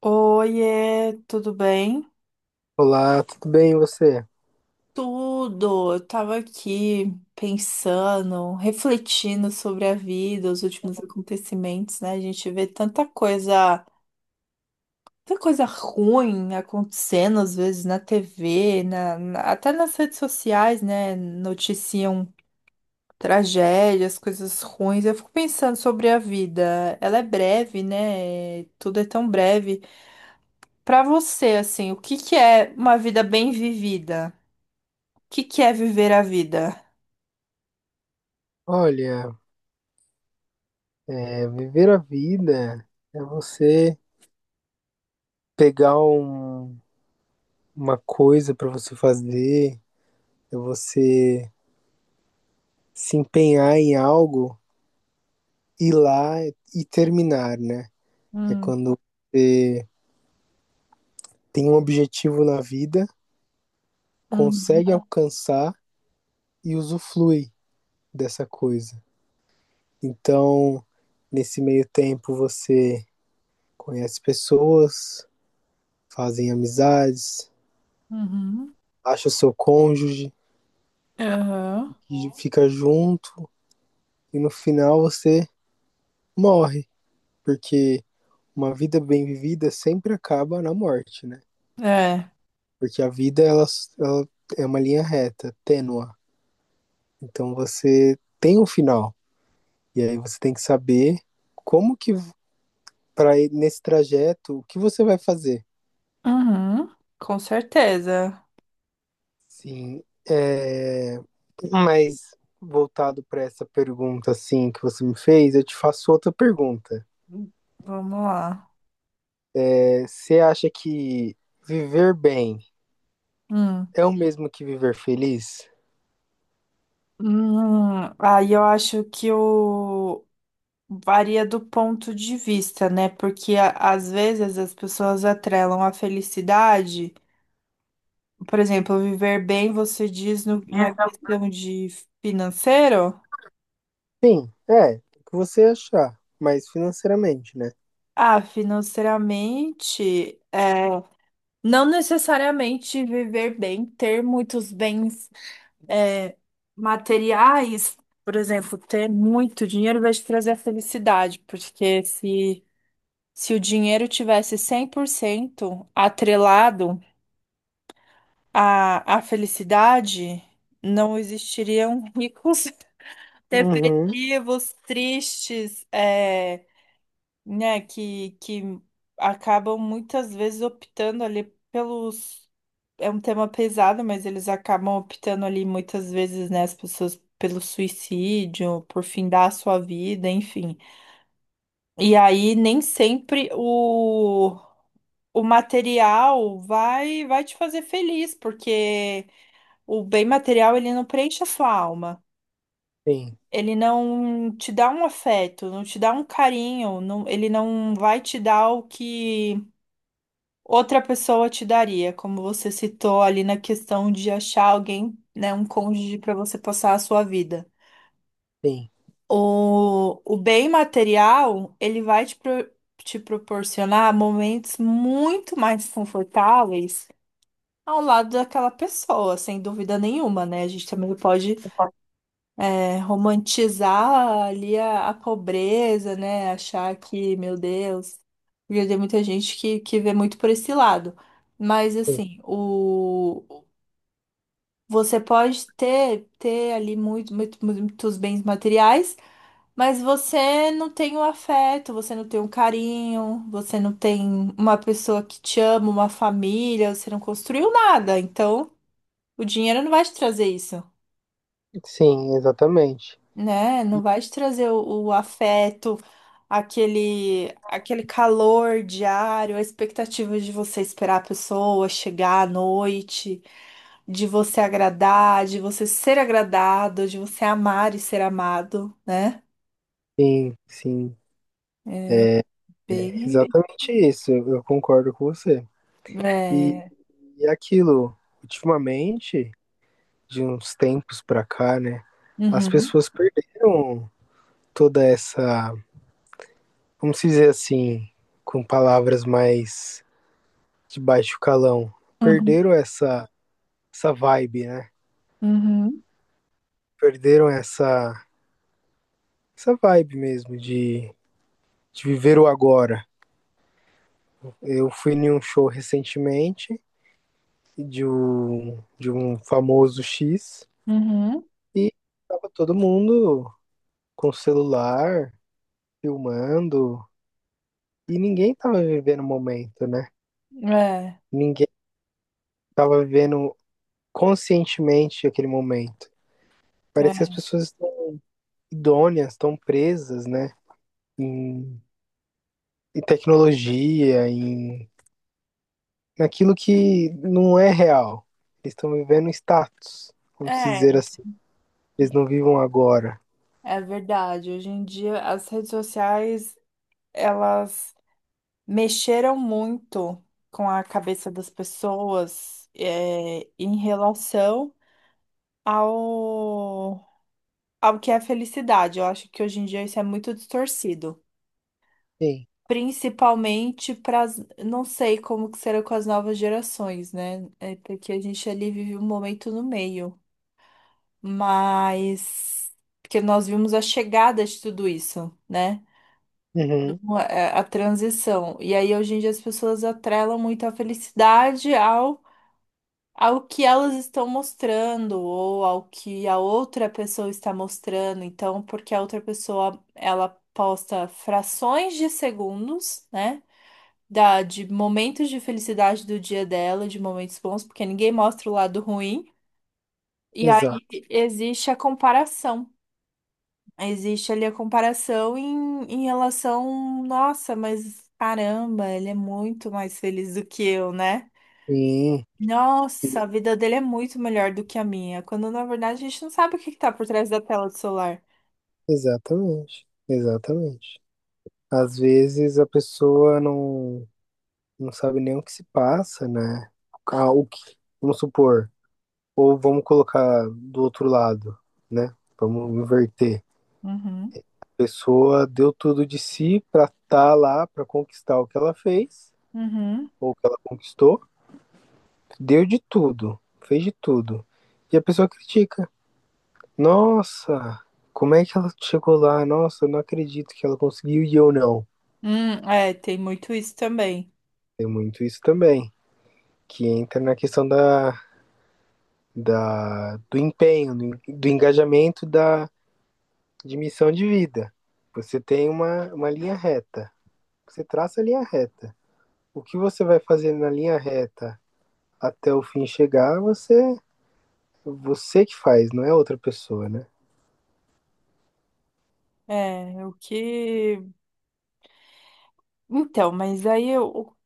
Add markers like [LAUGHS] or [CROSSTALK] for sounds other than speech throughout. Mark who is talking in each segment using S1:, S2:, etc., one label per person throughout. S1: Oiê, tudo bem?
S2: Olá, tudo bem e você?
S1: Tudo. Eu tava aqui pensando, refletindo sobre a vida, os últimos acontecimentos, né? A gente vê tanta coisa ruim acontecendo às vezes na TV, até nas redes sociais, né? Noticiam tragédias, coisas ruins. Eu fico pensando sobre a vida. Ela é breve, né? Tudo é tão breve. Pra você, assim, o que que é uma vida bem vivida? Que é viver a vida?
S2: Olha, viver a vida é você pegar um- uma coisa para você fazer, é você se empenhar em algo, ir lá e terminar, né? É
S1: Hum,
S2: quando você tem um objetivo na vida,
S1: uhum,
S2: consegue alcançar e usufrui dessa coisa. Então, nesse meio tempo, você conhece pessoas, fazem amizades
S1: uhum,
S2: acha o seu cônjuge,
S1: aham,
S2: fica junto e no final você morre, porque uma vida bem vivida sempre acaba na morte, né?
S1: é,
S2: Porque a vida ela é uma linha reta, tênua. Então você tem um final e aí você tem que saber como que para nesse trajeto o que você vai fazer.
S1: uhum, com certeza.
S2: Sim, é... mas voltado para essa pergunta assim que você me fez, eu te faço outra pergunta.
S1: Vamos lá.
S2: Você acha que viver bem
S1: Hum.
S2: é o mesmo que viver feliz?
S1: Aí eu acho que o varia do ponto de vista, né? Porque às vezes as pessoas atrelam a felicidade, por exemplo, viver bem, você diz na questão de financeiro?
S2: Sim, é. O que você achar, mas financeiramente, né?
S1: Ah, financeiramente, é, não necessariamente viver bem, ter muitos bens, é, materiais, por exemplo, ter muito dinheiro vai te trazer a felicidade, porque se o dinheiro tivesse 100% atrelado à felicidade, não existiriam ricos, [LAUGHS]
S2: Uhum.
S1: depressivos, tristes, é, né, que acabam muitas vezes optando ali pelos. É um tema pesado, mas eles acabam optando ali muitas vezes, né, as pessoas pelo suicídio, por findar a sua vida, enfim. E aí nem sempre o material vai te fazer feliz, porque o bem material ele não preenche a sua alma.
S2: Sim,
S1: Ele não te dá um afeto, não te dá um carinho, não, ele não vai te dar o que outra pessoa te daria, como você citou ali na questão de achar alguém, né, um cônjuge para você passar a sua vida.
S2: sim,
S1: O bem material, ele vai te proporcionar momentos muito mais confortáveis ao lado daquela pessoa, sem dúvida nenhuma, né? A gente também pode, é, romantizar ali a pobreza, né? Achar que, meu Deus, porque tem muita gente que vê muito por esse lado. Mas
S2: sim.
S1: assim, o você pode ter ali muito, muitos bens materiais, mas você não tem o afeto, você não tem o carinho, você não tem uma pessoa que te ama, uma família, você não construiu nada. Então, o dinheiro não vai te trazer isso.
S2: Sim, exatamente.
S1: Né? Não vai te trazer o afeto, aquele calor diário, a expectativa de você esperar a pessoa chegar à noite, de você agradar, de você ser agradado, de você amar e ser amado, né?
S2: Sim, sim.
S1: Bem,
S2: Exatamente isso. Eu concordo com você. E,
S1: é,
S2: e aquilo, ultimamente, de uns tempos pra cá, né? As
S1: uhum,
S2: pessoas perderam toda essa, vamos dizer assim, com palavras mais de baixo calão
S1: uhum,
S2: perderam essa, essa vibe, né?
S1: uhum,
S2: Perderam essa, essa vibe mesmo de viver o agora. Eu fui em um show recentemente de um famoso X
S1: uhum,
S2: e tava todo mundo com o celular, filmando, e ninguém tava vivendo o momento, né?
S1: é,
S2: Ninguém tava vivendo conscientemente aquele momento. Parece que as
S1: é,
S2: pessoas estão idôneas, estão presas, né? Em em tecnologia, em naquilo que não é real. Eles estão vivendo status, vamos
S1: é,
S2: dizer assim. Eles não vivam agora.
S1: é verdade. Hoje em dia as redes sociais, elas mexeram muito com a cabeça das pessoas, é, em relação ao, ao que é felicidade. Eu acho que hoje em dia isso é muito distorcido.
S2: Sim.
S1: Principalmente para, não sei como que será com as novas gerações, né? É porque a gente ali vive um momento no meio, mas porque nós vimos a chegada de tudo isso, né?
S2: Uhum,
S1: A transição. E aí hoje em dia as pessoas atrelam muito a felicidade ao que elas estão mostrando ou ao que a outra pessoa está mostrando. Então, porque a outra pessoa ela posta frações de segundos, né? De momentos de felicidade do dia dela, de momentos bons, porque ninguém mostra o lado ruim. E aí
S2: exato.
S1: existe a comparação. Existe ali a comparação em relação, nossa, mas caramba, ele é muito mais feliz do que eu, né?
S2: Sim,
S1: Nossa, a vida dele é muito melhor do que a minha, quando na verdade a gente não sabe o que que tá por trás da tela do celular.
S2: exatamente. Exatamente. Às vezes a pessoa não, não sabe nem o que se passa, né? Ah, o que, vamos supor, ou vamos colocar do outro lado, né? Vamos inverter.
S1: Uhum,
S2: A pessoa deu tudo de si pra estar lá, pra conquistar o que ela fez.
S1: uhum.
S2: Ou que ela conquistou, deu de tudo, fez de tudo. E a pessoa critica. Nossa, como é que ela chegou lá? Nossa, eu não acredito que ela conseguiu e eu não.
S1: É, tem muito isso também.
S2: Tem muito isso também, que entra na questão do empenho, do engajamento, da de missão de vida. Você tem uma linha reta. Você traça a linha reta. O que você vai fazer na linha reta até o fim chegar, você que faz, não é outra pessoa, né?
S1: É, o que. Então, mas aí eu.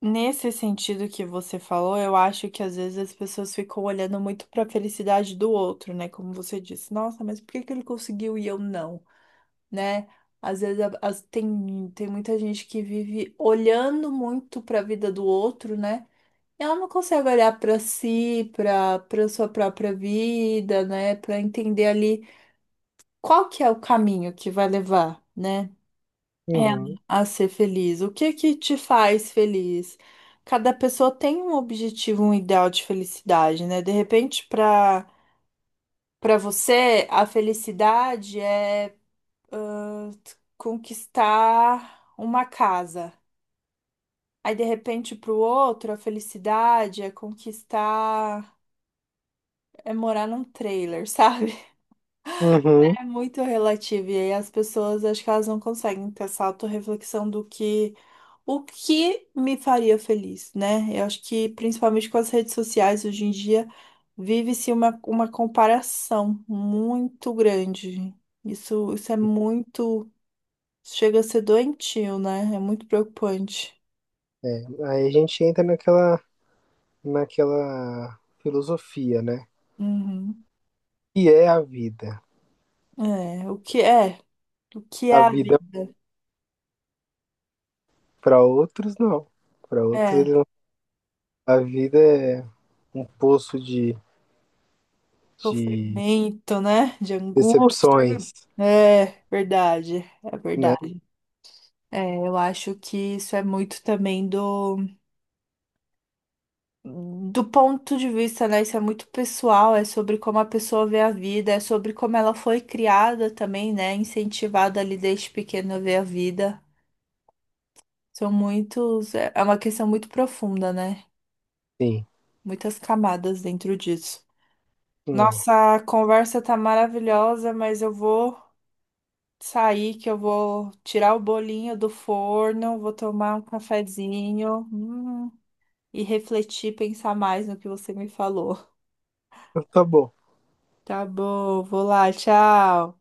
S1: Nesse sentido que você falou, eu acho que às vezes as pessoas ficam olhando muito pra felicidade do outro, né? Como você disse, nossa, mas por que que ele conseguiu e eu não, né? Às vezes tem muita gente que vive olhando muito pra vida do outro, né? Ela não consegue olhar para si, para sua própria vida, né? Para entender ali qual que é o caminho que vai levar, né? Ela
S2: Uhum.
S1: a ser feliz. O que que te faz feliz? Cada pessoa tem um objetivo, um ideal de felicidade, né? De repente, para você, a felicidade é, ah, conquistar uma casa. Aí, de repente, para o outro, a felicidade é conquistar. É morar num trailer, sabe? [LAUGHS]
S2: Uhum.
S1: É muito relativo. E aí as pessoas, acho que elas não conseguem ter essa autorreflexão do que, o que me faria feliz, né? Eu acho que principalmente com as redes sociais hoje em dia vive-se uma comparação muito grande. Isso é muito, chega a ser doentio, né? É muito preocupante.
S2: É, aí a gente entra naquela filosofia, né?
S1: Uhum.
S2: Que é a vida.
S1: É, o que é? O que é
S2: A
S1: a
S2: vida
S1: vida?
S2: para outros não. Para outros eles
S1: É.
S2: não. A vida é um poço de
S1: Sofrimento, né? De angústia.
S2: decepções,
S1: É verdade, é
S2: né?
S1: verdade. É, eu acho que isso é muito também do, do ponto de vista, né? Isso é muito pessoal, é sobre como a pessoa vê a vida, é sobre como ela foi criada também, né? Incentivada ali desde pequena a ver a vida. São muitos, é, é uma questão muito profunda, né?
S2: Sim.
S1: Muitas camadas dentro disso.
S2: É. Então
S1: Nossa, conversa tá maravilhosa, mas eu vou sair que eu vou tirar o bolinho do forno, vou tomar um cafezinho, e refletir, pensar mais no que você me falou.
S2: Tá bom.
S1: Tá bom, vou lá, tchau.